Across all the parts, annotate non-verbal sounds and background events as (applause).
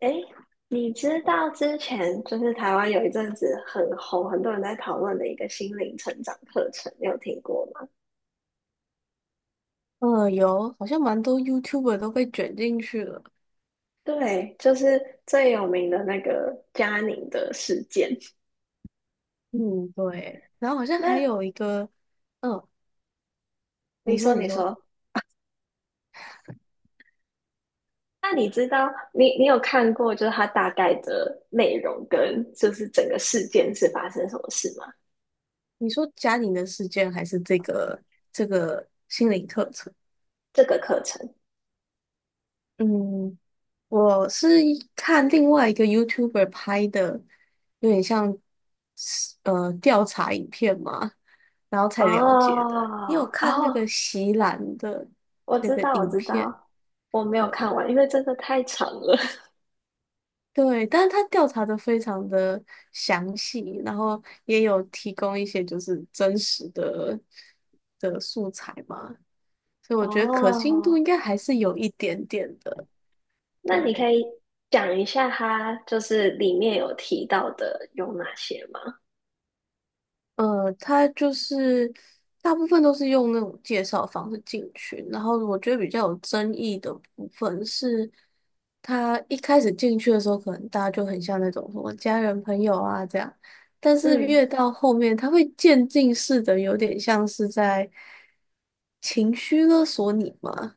哎，你知道之前就是台湾有一阵子很红，很多人在讨论的一个心灵成长课程，你有听过吗？嗯，有，好像蛮多 YouTuber 都被卷进去了。对，就是最有名的那个嘉宁的事件。嗯，对，然后好像还那有一个。嗯，你你说，说，你说，那你知道你有看过就是它大概的内容跟就是整个事件是发生什么事吗？你说家庭的事件还是这个心理课程？这个课程？嗯，我是一看另外一个 YouTuber 拍的，有点像调查影片嘛，然后哦才了解的。你有看那个哦，席兰的我那知个道，我影知片？道。我没有对看完，因为真的太长了。对但是他调查的非常的详细，然后也有提供一些就是真实的素材嘛，所以 (laughs) 哦我觉得可信度应该还是有一点点的。那你可对。以讲一下它就是里面有提到的有哪些吗？他就是大部分都是用那种介绍方式进去，然后我觉得比较有争议的部分是，他一开始进去的时候，可能大家就很像那种什么家人朋友啊这样，但是嗯越到后面，他会渐进式的，有点像是在情绪勒索你嘛，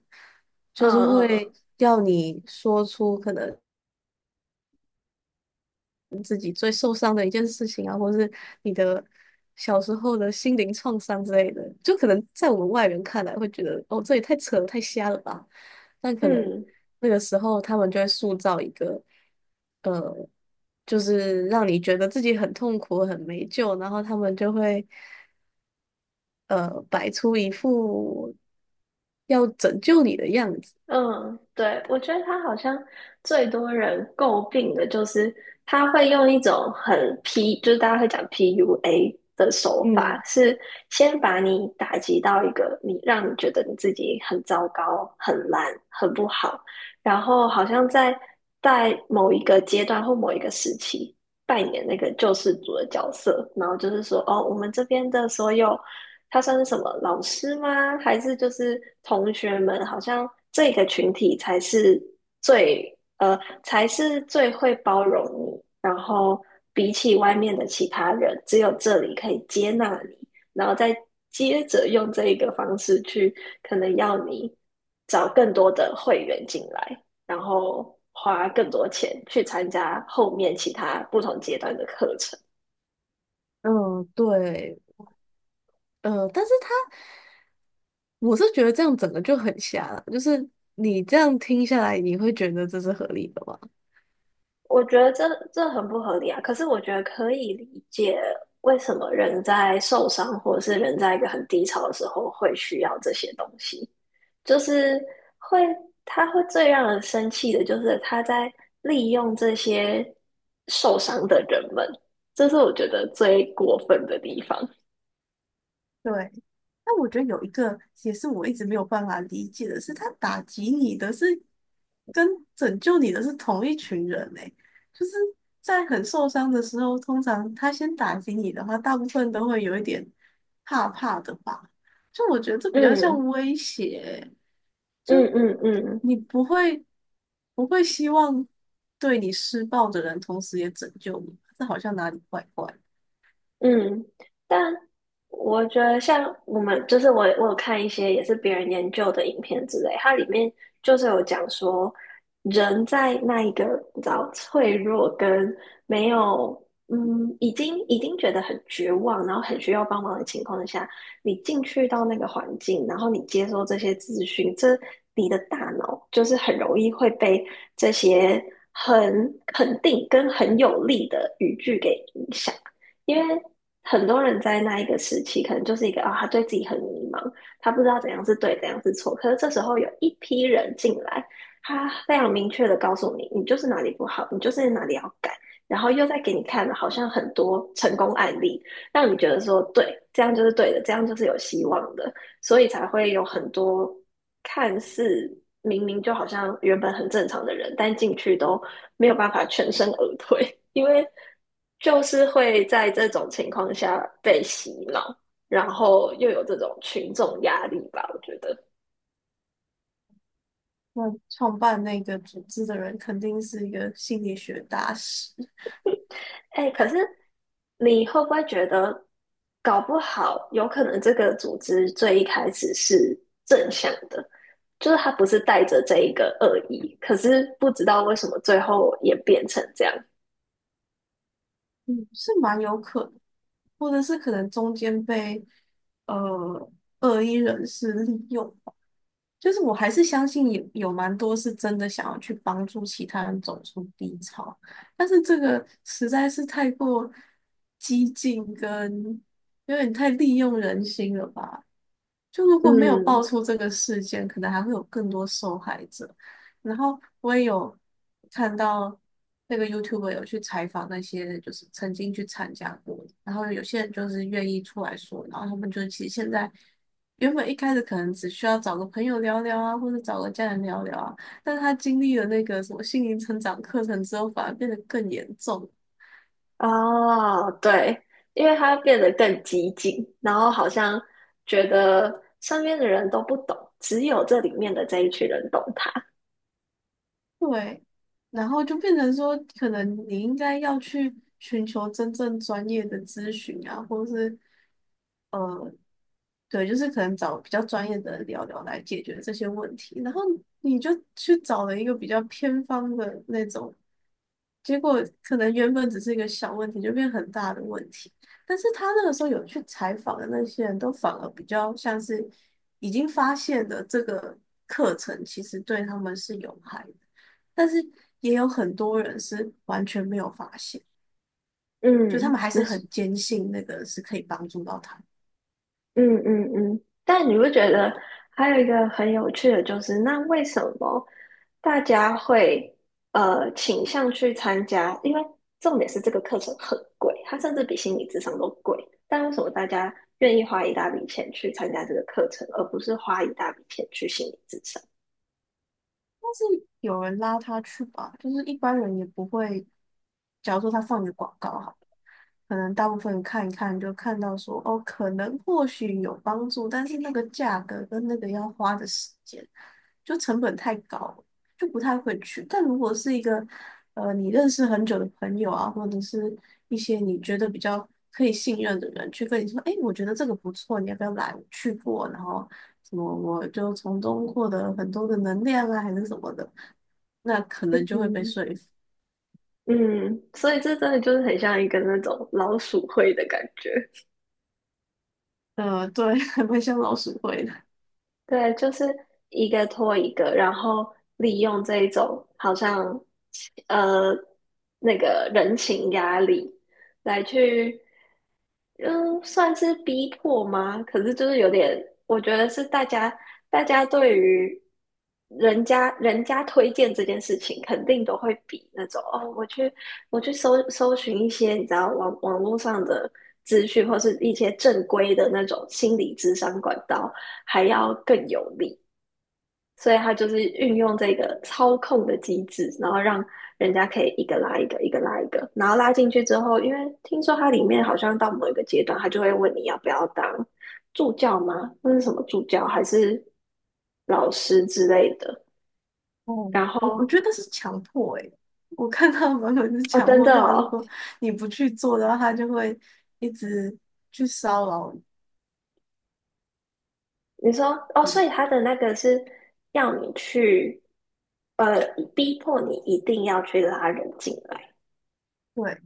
嗯就是嗯会要你说出可能。自己最受伤的一件事情啊，或是你的小时候的心灵创伤之类的，就可能在我们外人看来会觉得，哦，这也太扯了，太瞎了吧？但可能嗯，嗯那个时候他们就会塑造一个，呃，就是让你觉得自己很痛苦、很没救，然后他们就会，摆出一副要拯救你的样子。嗯，对，我觉得他好像最多人诟病的就是他会用一种很 P，就是大家会讲 PUA 的手法，嗯是先把你打击到一个你让你觉得你自己很糟糕、很烂、很不好，然后好像在某一个阶段或某一个时期扮演那个救世主的角色，然后就是说，哦，我们这边的所有他算是什么老师吗？还是就是同学们？好像这个群体才是才是最会包容你。然后比起外面的其他人，只有这里可以接纳你，然后再接着用这一个方式去，可能要你找更多的会员进来，然后花更多钱去参加后面其他不同阶段的课程。嗯，对，但是他。我是觉得这样整个就很瞎了，就是你这样听下来，你会觉得这是合理的吗？我觉得这很不合理啊。可是我觉得可以理解为什么人在受伤或者是人在一个很低潮的时候会需要这些东西，就是会，他会最让人生气的，就是他在利用这些受伤的人们，这是我觉得最过分的地方。对，那我觉得有一个也是我一直没有办法理解的是，他打击你的是跟拯救你的是同一群人诶、就是在很受伤的时候，通常他先打击你的话，大部分都会有一点怕怕的吧？就我觉得这比较像嗯威胁欸嗯就嗯嗯。你不会希望对你施暴的人同时也拯救你，这好像哪里怪怪的。嗯，但我觉得像我们，就是我有看一些也是别人研究的影片之类，它里面就是有讲说，人在那一个比较脆弱跟没有，嗯，已经觉得很绝望，然后很需要帮忙的情况下，你进去到那个环境，然后你接收这些资讯，你的大脑就是很容易会被这些很肯定跟很有力的语句给影响。因为很多人在那一个时期，可能就是一个啊、他对自己很迷茫，他不知道怎样是对，怎样是错。可是这时候有一批人进来，他非常明确的告诉你，你就是哪里不好，你就是哪里要改，然后又在给你看好像很多成功案例，让你觉得说，对，这样就是对的，这样就是有希望的。所以才会有很多看似明明就好像原本很正常的人，但进去都没有办法全身而退，因为就是会在这种情况下被洗脑，然后又有这种群众压力吧，我觉得。那创办那个组织的人肯定是一个心理学大师。哎，可是你会不会觉得，搞不好有可能这个组织最一开始是正向的，就是他不是带着这一个恶意，可是不知道为什么最后也变成这样。嗯，是蛮有可能，或者是可能中间被呃恶意人士利用吧。就是我还是相信有蛮多是真的想要去帮助其他人走出低潮，但是这个实在是太过激进跟有点太利用人心了吧。就如果没有爆嗯，出这个事件，可能还会有更多受害者。然后我也有看到那个 YouTuber 有去采访那些就是曾经去参加过的，然后有些人就是愿意出来说，然后他们就其实现在原本一开始可能只需要找个朋友聊聊啊，或者找个家人聊聊啊，但是他经历了那个什么心灵成长课程之后，反而变得更严重。哦，对，因为他变得更激进，然后好像觉得身边的人都不懂，只有这里面的这一群人懂他。对，然后就变成说，可能你应该要去寻求真正专业的咨询啊，或是对，就是可能找比较专业的人聊聊来解决这些问题，然后你就去找了一个比较偏方的那种，结果可能原本只是一个小问题，就变很大的问题。但是他那个时候有去采访的那些人都反而比较像是已经发现的这个课程其实对他们是有害的，但是也有很多人是完全没有发现，就他们嗯，还是你是。很坚信那个是可以帮助到他们。嗯嗯嗯，但你不觉得还有一个很有趣的就是，那为什么大家会倾向去参加？因为重点是这个课程很贵，它甚至比心理智商都贵。但为什么大家愿意花一大笔钱去参加这个课程，而不是花一大笔钱去心理智商？是有人拉他去吧，就是一般人也不会。假如说他放一个广告哈，可能大部分人看一看就看到说哦，可能或许有帮助，但是那个价格跟那个要花的时间，就成本太高，就不太会去。但如果是一个你认识很久的朋友啊，或者是一些你觉得比较可以信任的人去跟你说，哎，我觉得这个不错，你要不要来？我去过，然后什么我就从中获得很多的能量啊，还是什么的，那可能就会被嗯说服。嗯，所以这真的就是很像一个那种老鼠会的感觉。对，(laughs) 还蛮像老鼠会的。对，就是一个拖一个，然后利用这一种好像呃那个人情压力来去，嗯，算是逼迫吗？可是就是有点，我觉得是大家。大家对于人家推荐这件事情，肯定都会比那种哦，我去搜寻一些你知道网络上的资讯，或是一些正规的那种心理咨商管道，还要更有力。所以他就是运用这个操控的机制，然后让人家可以一个拉一个，一个拉一个，然后拉进去之后，因为听说它里面好像到某一个阶段，他就会问你要不要当助教吗？那是什么助教还是老师之类的？哦，然我后觉得是强迫诶、我看他蛮多人是哦，强真迫，的就好像如哦，果你不去做的话，他就会一直去骚扰你。你说哦，所以他的那个是要你去呃逼迫你一定要去拉人进来对，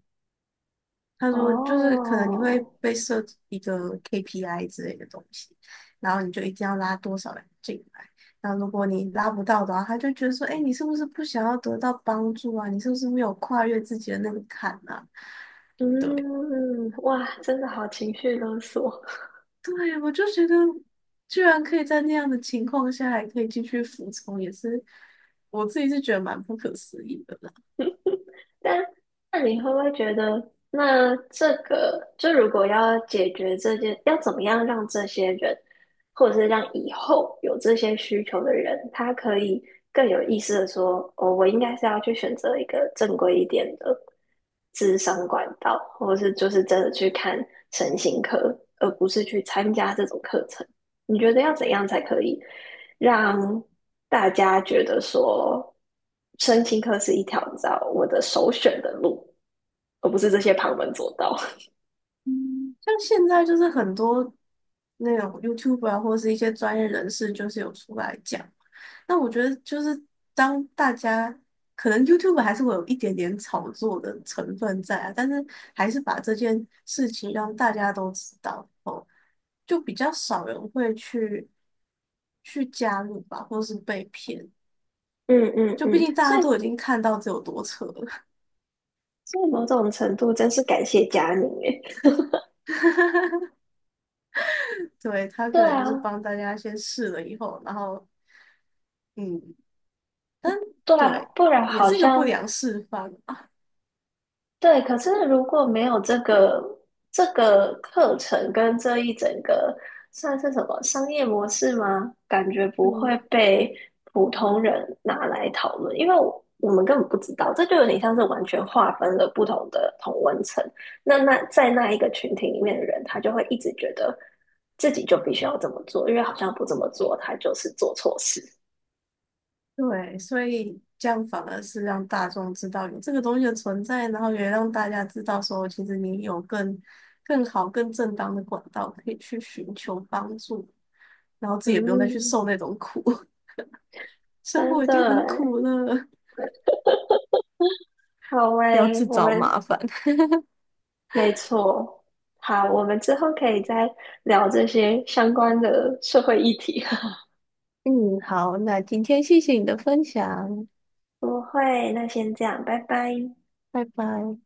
他说，就是可能你会哦，被设置一个 KPI 之类的东西，然后你就一定要拉多少人进来。然后如果你拉不到的话，他就觉得说，哎，你是不是不想要得到帮助啊？你是不是没有跨越自己的那个坎啊？对，嗯，哇，真的好情绪勒索。对，我就觉得，居然可以在那样的情况下还可以继续服从，也是我自己是觉得蛮不可思议的啦。但那你会不会觉得，那这个就如果要解决这件，要怎么样让这些人，或者是让以后有这些需求的人，他可以更有意识的说，哦，我应该是要去选择一个正规一点的智商管道，或是就是真的去看神行科，而不是去参加这种课程。你觉得要怎样才可以？让大家觉得说，身心科是一条你知道我的首选的路，而不是这些旁门左道。嗯，像现在就是很多。那种 YouTube 啊，或者是一些专业人士，就是有出来讲。那我觉得就是当大家可能 YouTube 还是会有一点点炒作的成分在啊，但是还是把这件事情让大家都知道哦，就比较少人会去加入吧，或是被骗。嗯嗯就毕嗯，竟大所家以都已经看到这有多扯了，所以某种程度真是感谢佳宁诶。(laughs) 对，他对可能就是啊，帮大家先试了以后，然后嗯，但对啊，对，不然也好是一个不像良示范。对，可是如果没有这个课程跟这一整个算是什么商业模式吗？感觉不会嗯，被普通人拿来讨论，因为我们根本不知道，这就有点像是完全划分了不同的同温层。那在那一个群体里面的人，他就会一直觉得自己就必须要这么做，因为好像不这么做，他就是做错事。对，所以这样反而是让大众知道有这个东西的存在，然后也让大家知道说，其实你有更好更正当的管道可以去寻求帮助，然后自己也不用再去嗯，受那种苦，(laughs) 生真活已的经很欸。苦了，好不要诶，自我找们，麻烦。(laughs) 没错。好，我们之后可以再聊这些相关的社会议题。(laughs) 嗯，好，那今天谢谢你的分享，不会，那先这样，拜拜。拜拜。